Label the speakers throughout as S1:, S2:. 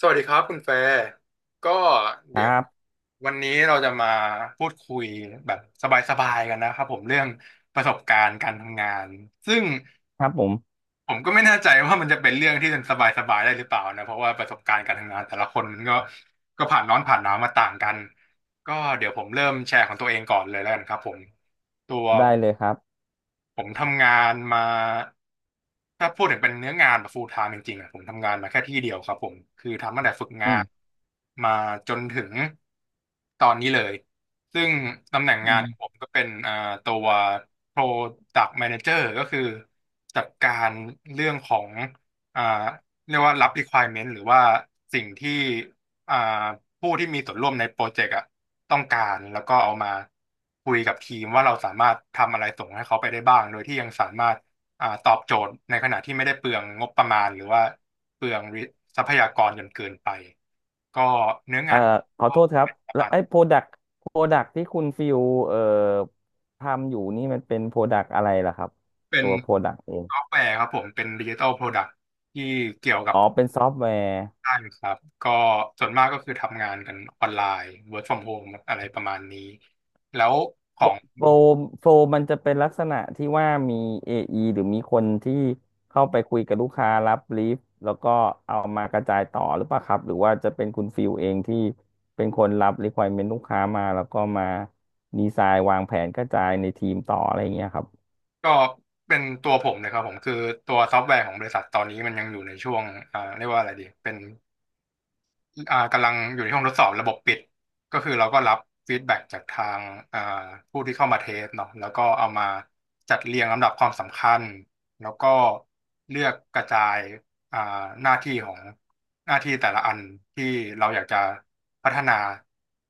S1: สวัสดีครับคุณแฟร์ก็
S2: ค
S1: เดี๋
S2: รั
S1: ยว
S2: บ
S1: วันนี้เราจะมาพูดคุยแบบสบายๆกันนะครับผมเรื่องประสบการณ์การทำงานซึ่ง
S2: ครับผม
S1: ผมก็ไม่แน่ใจว่ามันจะเป็นเรื่องที่สบายๆได้หรือเปล่านะเพราะว่าประสบการณ์การทำงานแต่ละคนมันก็ผ่านร้อนผ่านหนาวมาต่างกันก็เดี๋ยวผมเริ่มแชร์ของตัวเองก่อนเลยแล้วกันครับผมตัว
S2: ได้เลยครับ
S1: ผมทำงานมาถ้าพูดถึงเป็นเนื้องานแบบ full time จริงๆอะผมทำงานมาแค่ที่เดียวครับผมคือทำตั้งแต่ฝึก
S2: อื
S1: งา
S2: ม
S1: นมาจนถึงตอนนี้เลยซึ่งตำแหน่ง
S2: อื
S1: งานของผ
S2: ม
S1: มก็เป็นอ่าตัว Product Manager ก็คือจัดการเรื่องของอ่าเรียกว่ารับ requirement หรือว่าสิ่งที่ อ่าผู้ที่มีส่วนร่วมในโปรเจกต์อ่ะต้องการแล้วก็เอามาคุยกับทีมว่าเราสามารถทำอะไรส่งให้เขาไปได้บ้างโดยที่ยังสามารถตอบโจทย์ในขณะที่ไม่ได้เปลืองงบประมาณหรือว่าเปลืองทรัพยากรจนเกินไปก็เนื้อ
S2: เอ่
S1: งา
S2: อ
S1: น
S2: ขอ
S1: ก็
S2: โทษครับ
S1: เป็นประ
S2: แล้
S1: มา
S2: ว
S1: ณ
S2: ไอ้โปรดักที่คุณฟิวเอ่อทำอยู่นี่มันเป็นโปรดักอะไรล่ะครับ
S1: เป็น
S2: ตัวโปรดักเอง
S1: ซอฟต์แวร์ครับผมเป็นดิจิทัลโปรดักต์ที่เกี่ยวกับ
S2: อ๋อเป็นซอฟต์แวร์
S1: ด้านครับก็ส่วนมากก็คือทำงานกันออนไลน์ work from home อะไรประมาณนี้แล้วของ
S2: โฟลโฟลมันจะเป็นลักษณะที่ว่ามี AE หรือมีคนที่เข้าไปคุยกับลูกค้ารับบรีฟแล้วก็เอามากระจายต่อหรือเปล่าครับหรือว่าจะเป็นคุณฟิลเองที่เป็นคนรับ requirement ลูกค้ามาแล้วก็มาดีไซน์วางแผนกระจายในทีมต่ออะไรอย่างเงี้ยครับ
S1: ก็เป็นตัวผมเลยครับผมคือตัวซอฟต์แวร์ของบริษัทตอนนี้มันยังอยู่ในช่วงเรียกว่าอะไรดีเป็นกำลังอยู่ในช่วงทดสอบระบบปิดก็คือเราก็รับฟีดแบ็กจากทางอ่าผู้ที่เข้ามาเทสเนาะแล้วก็เอามาจัดเรียงลำดับความสำคัญแล้วก็เลือกกระจายอ่าหน้าที่ของหน้าที่แต่ละอันที่เราอยากจะพัฒนา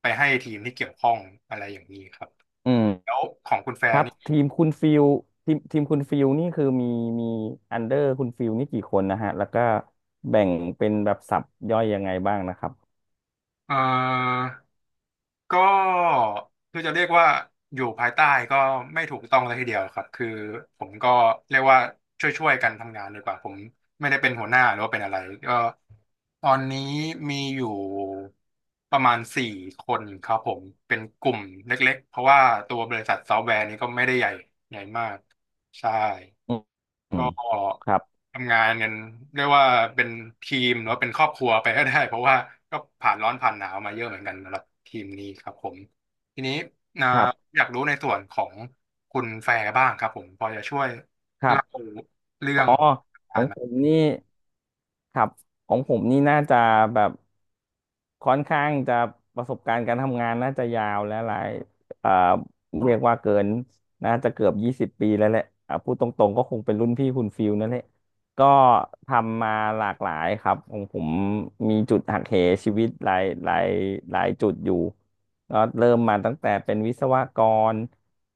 S1: ไปให้ทีมที่เกี่ยวข้องอะไรอย่างนี้ครับ
S2: อืมครับทีมคุณฟิลนี่คือมีอันเดอร์คุณฟิลนี่กี่คนนะฮะแล้วก็แบ่งเป็นแบบสับย่อยยังไงบ้างนะครับ
S1: เอ่อ ก็คือจะเรียกว่าอยู่ภายใต้ก็ไม่ถูกต้องเลยทีเดียวครับคือผมก็เรียกว่าช่วยๆกันทำงานดีกว่าผมไม่ได้เป็นหัวหน้าหรือว่าเป็นอะไรก็ตอนนี้มีอยู่ประมาณสี่คนครับผมเป็นกลุ่มเล็กๆเพราะว่าตัวบริษัทซอฟต์แวร์นี้ก็ไม่ได้ใหญ่ใหญ่มากใช่
S2: อืมอื
S1: ก็
S2: มครับ
S1: ทำงานกันเรียกว่าเป็นทีมหรือว่าเป็นครอบครัวไปก็ได้เพราะว่าก็ผ่านร้อนผ่านหนาวมาเยอะเหมือนกันสำหรับทีมนี้ครับผมทีนี้นะ
S2: ครับ
S1: อยากรู้ในส่วนของคุณแฟร์บ้างครับผมพอจะช่วย
S2: ครั
S1: เล่า
S2: บ
S1: เรื่อ
S2: อ๋อ
S1: ง
S2: ข
S1: กา
S2: อ
S1: ร
S2: งผ
S1: มา
S2: มนี่ครับของผมนี่น่าจะแบบ ค่อนข้างจะประสบการณ์การทำงานน่าจะยาวและหลายเอ่อเรียกว่าเกินน่าจะเกือบ20 ปีแล้วแหละอ่ะพูดตรงๆก็คงเป็นรุ่นพี่คุณฟิลนั่นแหละก็ทำมาหลากหลายครับของผมมีจุดหักเหชีวิตหลายจุดอยู่ก็เริ่มมาตั้งแต่เป็นวิศวกร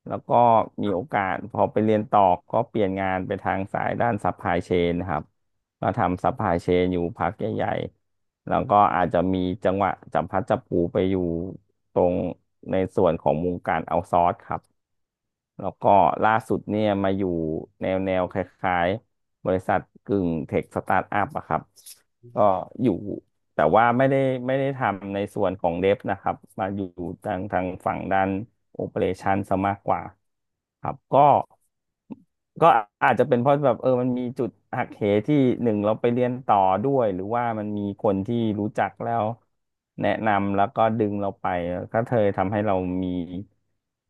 S2: แล้วก็มีโอกาสพอไปเรียนต่อก็เปลี่ยนงานไปทางสายด้านซัพพลายเชนครับ ก็ทำซัพพลายเชนอยู่พักใหญ่ๆ แล้วก็อาจจะมีจังหวะจับพลัดจับผลูไปอยู่ตรงในส่วนของวงการเอาซอร์สครับ แล้วก็ล่าสุดเนี่ยมาอยู่แนวคล้ายๆบริษัทกึ่งเทคสตาร์ทอัพอะครับก็อยู่ แต่ว่าไม่ได้ทำในส่วนของเดฟนะครับมาอยู่ทางฝั่งด้านโอเปอเรชันซะมากกว่าครับก็อาจจะเป็นเพราะแบบมันมีจุดหักเหที่หนึ่งเราไปเรียนต่อด้วยหรือว่ามันมีคนที่รู้จักแล้วแนะนำแล้วก็ดึงเราไปก็เธอทำให้เรามี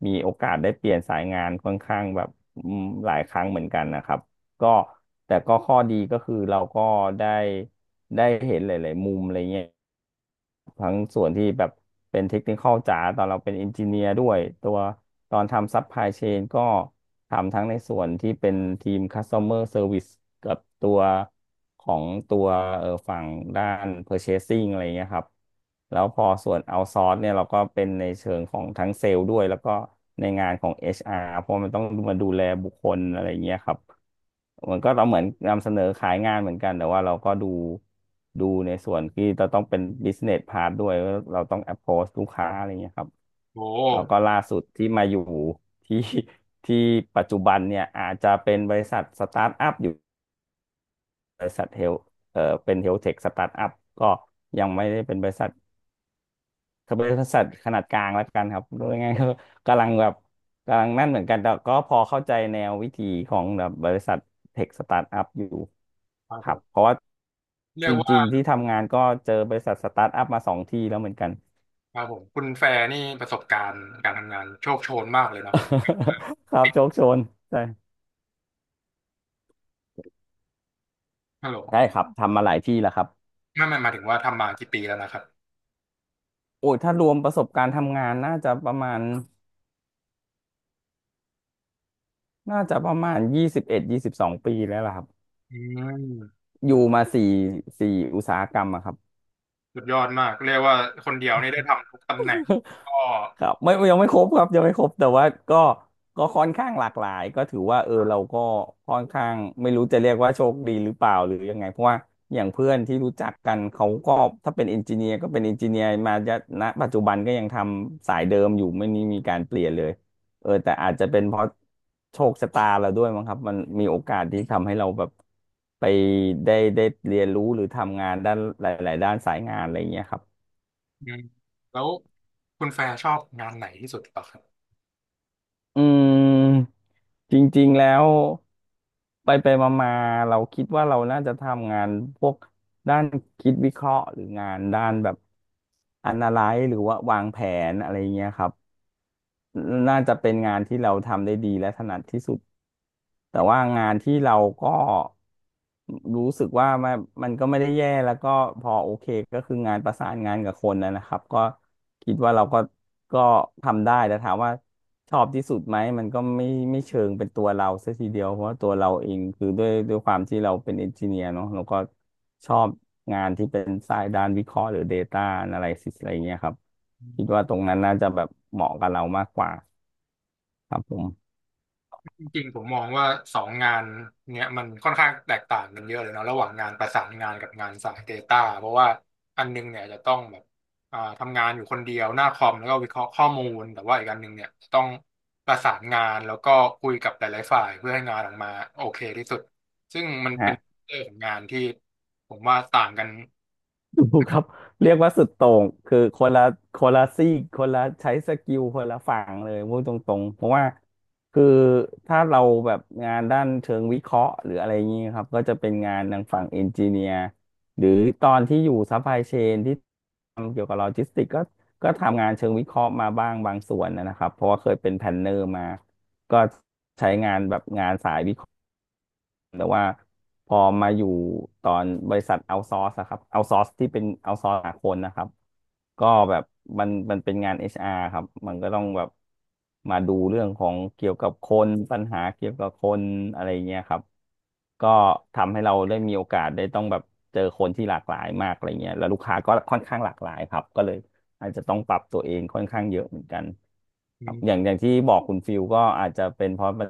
S2: มีโอกาสได้เปลี่ยนสายงานค่อนข้างแบบหลายครั้งเหมือนกันนะครับ ก็แต่ก็ข้อดีก็คือเราก็ได้ได้เห็นหลายๆมุมอะไรเงี้ยทั้งส่วนที่แบบเป็นเทคนิคอลจ๋าตอนเราเป็นเอนจิเนียร์ด้วยตัวตอนทำซัพพลายเชนก็ทำทั้งในส่วนที่เป็นทีม Customer Service กับตัวของตัวฝั่งด้าน Purchasing อะไรเงี้ยครับแล้วพอส่วน outsource เนี่ยเราก็เป็นในเชิงของทั้งเซลล์ด้วยแล้วก็ในงานของ HR เพราะมันต้องมาดูแลบุคคลอะไรเงี้ยครับ เหมือนก็เราเหมือนนำเสนอขายงานเหมือนกันแต่ว่าเราก็ดูดูในส่วนที่เราต้องเป็น business part ด้วยว่าเราต้อง approach ลูกค้าอะไรเงี้ยครับ
S1: โอ้
S2: แล้วก็ล่าสุดที่มาอยู่ที่ที่ปัจจุบันเนี่ยอาจจะเป็นบริษัทสตาร์ทอัพอยู่บริษัทเป็นเฮลเทคสตาร์ทอัพก็ยังไม่ได้เป็นบริษัท ก็เป็นบริษัทขนาดกลางแล้วกันครับรู้ยังไงก็กำลังแบบกำลังนั่นเหมือนกันแต่ก็พอเข้าใจแนววิธีของแบบบริษัทเทคสตาร์ทอัพอยู่
S1: ครับ
S2: ค
S1: ผ
S2: รับ เพ
S1: ม
S2: ราะว่า
S1: เรี
S2: จ
S1: ยกว่า
S2: ริงๆที่ทำงานก็เจอบริษัทสตาร์ทอัพมาสองที่แล้วเหมือนกัน
S1: ครับผมคุณแฟร์นี่ประสบการณ์การทำงานโชคโชนมากเลยเนาะ
S2: ครับโชคโชนใช่
S1: ฮัลโหล
S2: ใช่ครับทำมาหลายที่แล้วครับ
S1: ไม่หมายถึงว่าทำมากี่ปีแล้วนะครับ
S2: โอ้ยถ้ารวมประสบการณ์ทำงานน่าจะประมาณน่าจะประมาณ21-22 ปีแล้วล่ะครับ
S1: อืม
S2: อยู่มาสี่อุตสาหกรรมอะครับ
S1: สุดยอดมากเรียกว่าคนเดียวนี่ได้ทำทุกตำแหน่งก็
S2: ครับไม่ยังไม่ครบครับยังไม่ครบแต่ว่าก็ค่อนข้างหลากหลายก็ถือว่าเออเราก็ค่อนข้างไม่รู้จะเรียกว่าโชคดีหรือเปล่าหรือยังไงเพราะว่าอย่างเพื่อนที่รู้จักกันเขาก็ถ้าเป็นเอนจิเนียร์ก็เป็นเอนจิเนียร์มาจะณปัจจุบันก็ยังทำสายเดิมอยู่ไม่มีการเปลี่ยนเลยเออแต่อาจจะเป็นเพราะโชคชะตาเราด้วยมั้งครับมันมีโอกาสที่ทำให้เราแบบไปได้เรียนรู้หรือทำงานด้านหลายๆด้านสายงานอะไรอย่างเงี้ยครับ
S1: อืมแล้วคุณแฟร์ชอบงานไหนที่สุดเหรอครับ
S2: อืมจริงๆ แล้วไปไปมามาๆเราคิดว่าเราน่าจะทำงานพวกด้านคิดวิเคราะห์หรืองานด้านแบบ analyze หรือว่าวางแผนอะไรเงี้ยครับ น่าจะเป็นงานที่เราทำได้ดีและถนัดที่สุดแต่ว่างานที่เราก็รู้สึกว่ามันก็ไม่ได้แย่แล้วก็พอโอเคก็คืองานประสานงานกับคนนะครับก็คิดว่าเราก็ทำได้แต่ถามว่าชอบที่สุดไหมมันก็ไม่เชิงเป็นตัวเราซะทีเดียวเพราะว่าตัวเราเองคือด้วยความที่เราเป็นเอนจิเนียร์เนาะเราก็ ชอบงานที่เป็นสายด้านวิเคราะห์หรือ Data Analysis อะไรเงี้ยครับคิดว่าตรงนั้นน่าจะแบบเหมาะกับเรามากกว่าครับผม
S1: จริงๆผมมองว่าสองงานเนี้ยมันค่อนข้างแตกต่างกันเยอะเลยเนาะระหว่างงานประสานงานกับงานสาย Data เพราะว่าอันนึงเนี่ยจะต้องแบบทำงานอยู่คนเดียวหน้าคอมแล้วก็วิเคราะห์ข้อมูลแต่ว่าอีกอันหนึงเนี่ยจะต้องประสานงานแล้วก็คุยกับหลายๆฝ่ายเพื่อให้งานออกมาโอเคที่สุดซึ่งมันเป็
S2: ฮะ
S1: นเรื่องของงานที่ผมว่าต่างกัน
S2: ดูครับเรียกว่าสุดโต่งคือคนละซีกคนละใช้สกิลคนละฝั่งเลยพูดตรงๆเพราะว่าคือถ้าเราแบบงานด้านเชิงวิเคราะห์หรืออะไรอย่างนี้ครับก็จะเป็นงานทางฝั่งเอนจิเนียร์หรือตอนที่อยู่ซัพพลายเชนที่ทำเกี่ยวกับโลจิสติกก็ทำงานเชิงวิเคราะห์มาบ้างบางส่วนนะครับเพราะว่าเคยเป็นแพลนเนอร์มาก็ แต่ว่าพอมาอยู่ตอนบริษัทเอาซอร์สครับเอาซอร์สที่เป็นเอาซอร์สหาคนนะครับก็แบบมันเป็นงาน HR ครับมันก็ต้องแบบมาดูเรื่องของเกี่ยวกับคนปัญหาเกี่ยวกับคนอะไรเงี้ยครับก็ทำให้เราได้มีโอกาสได้ต้องแบบเจอคนที่หลากหลายมากอะไรเงี้ยแล้วลูกค้าก็ค่อนข้างหลากหลายครับก็เลยอาจจะต้องปรับตัวเองค่อนข้างเยอะเหมือนกันครับอย่างที่บอกคุณฟิลก็อาจจะเป็นเพราะมัน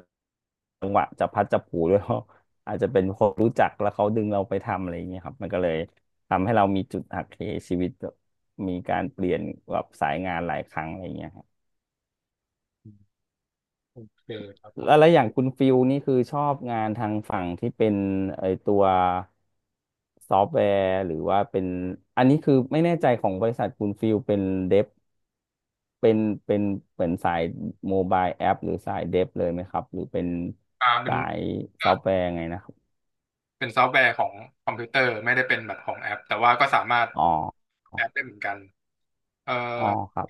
S2: จังหวะจะพัดจะผูด้วย เพราะ อาจจะเป็นคนรู้จักแล้วเขาดึงเราไปทำอะไรอย่างเงี้ยครับมันก็เลยทำให้เรามีจุดหักเหชีวิตแบบมีการเปลี่ยนแบบสายงานหลายครั้งอะไรอย่างเงี้ยครับ
S1: โอเคครับผ
S2: แล้วแล้
S1: ม
S2: วอย่างคุณฟิลนี่คือชอบงานทางฝั่งที่เป็นไอตัวซอฟต์แวร์หรือว่าเป็นอันนี้คือไม่แน่ใจของบริษัทคุณฟิลเป็นเดฟเป็นเป็นเหมือนสายโมบายแอปหรือสายเดฟเลยไหมครับหรือเป็น
S1: อ่าเป็น
S2: สายซอฟต์แวร์ไงนะครับ
S1: เป็นซอฟต์แวร์ของคอมพิวเตอร์ไม่ได้เป็นแบบของแอปแต่ว่าก็สามารถ
S2: อ๋อ
S1: แอปได้เหมือนกันเอ่อ
S2: อ๋อครับ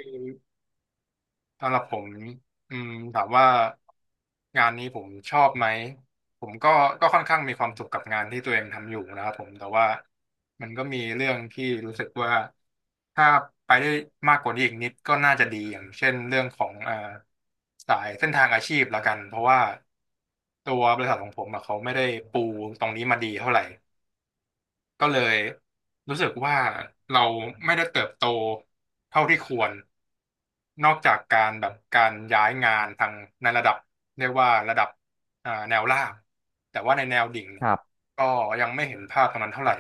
S1: สำหรับผมอืมถามว่างานนี้ผมชอบไหมผมก็ค่อนข้างมีความสุขกับงานที่ตัวเองทำอยู่นะครับผมแต่ว่ามันก็มีเรื่องที่รู้สึกว่าถ้าไปได้มากกว่านี้อีกนิดก็น่าจะดีอย่างเช่นเรื่องของสายเส้นทางอาชีพละกันเพราะว่าตัวบริษัทของผมอะเขาไม่ได้ปูตรงนี้มาดีเท่าไหร่ ก็เลยรู้สึกว่าเราไม่ได้เติบโตเท่าที่ควร นอกจากการแบบการย้ายงานทางในระดับเรียกว่าระดับแนวล่าง แต่ว่าในแนวดิ่งเนี่
S2: ค
S1: ย
S2: รับ
S1: ก็ยังไม่เห็นภาพตรงนั้นเท่าไหร่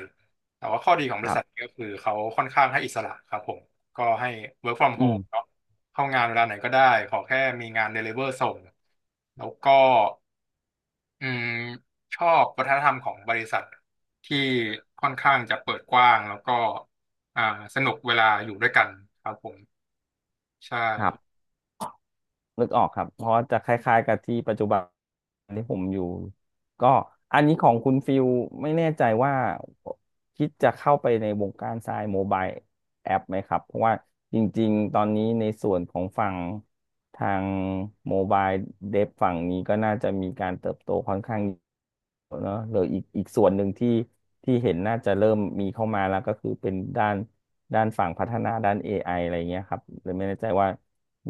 S1: แต่ว่าข้อดีของ
S2: ค
S1: บริ
S2: รับ
S1: ษัทก็คือเขาค่อนข้างให้อิสระครับผม ก็ให้ work from
S2: อืม
S1: home เนาะเข้างานเวลาไหนก็ได้ขอแค่มีงาน deliver ส่งแล้วก็ อืมชอบวัฒนธรรมของบริษัทที่ค่อนข้างจะเปิดกว้างแล้วก็อ่าสนุกเวลาอยู่ด้วยกันครับผมใช่
S2: ครับนึกออกครับเพราะว่าจะคล้ายๆกับที่ปัจจุบันที่ผมอยู่ก็อันนี้ของคุณฟิลไม่แน่ใจว่าคิดจะเข้าไปในวงการทรายโมบายแอปไหมครับเพราะว่าจริงๆตอนนี้ในส่วนของฝั่งทางโมบายเดฟฝั่งนี้ก็น่าจะมีการเติบโตค่อนข้างเนอะหรืออีกส่วนหนึ่งที่ที่เห็นน่าจะเริ่มมีเข้ามาแล้วก็คือเป็นด้าน ด้านฝั่งพัฒนาด้าน AI อไออะไรเงี้ยครับหรือไม่แน่ใจว่า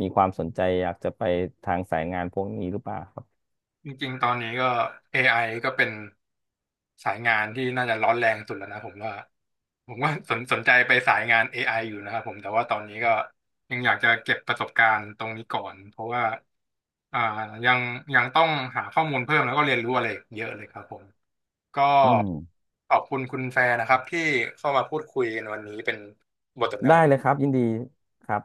S2: มีความสนใจอยากจะไปทางสายงานพวกนี้หรือเปล่าครับ
S1: จริงๆตอนนี้ก็ AI ก็เป็นสายงานที่น่าจะร้อนแรงสุดแล้วนะผมว่าผมว่าสนใจไปสายงาน AI อไออยู่นะครับผมแต่ว่าตอนนี้ก็ยังอยากจะเก็บประสบการณ์ตรงนี้ก่อนเพราะว่าอ่ายังยังต้องหาข้อมูลเพิ่มแล้วก็เรียนรู้อะไรอีกเยอะเลยครับผม ก็
S2: อืม
S1: ขอบคุณคุณแฟนนะครับที่เข้ามาพูดคุยกันวันนี้เป็นบทสนทนา
S2: ได้เลยครับยินดีครับ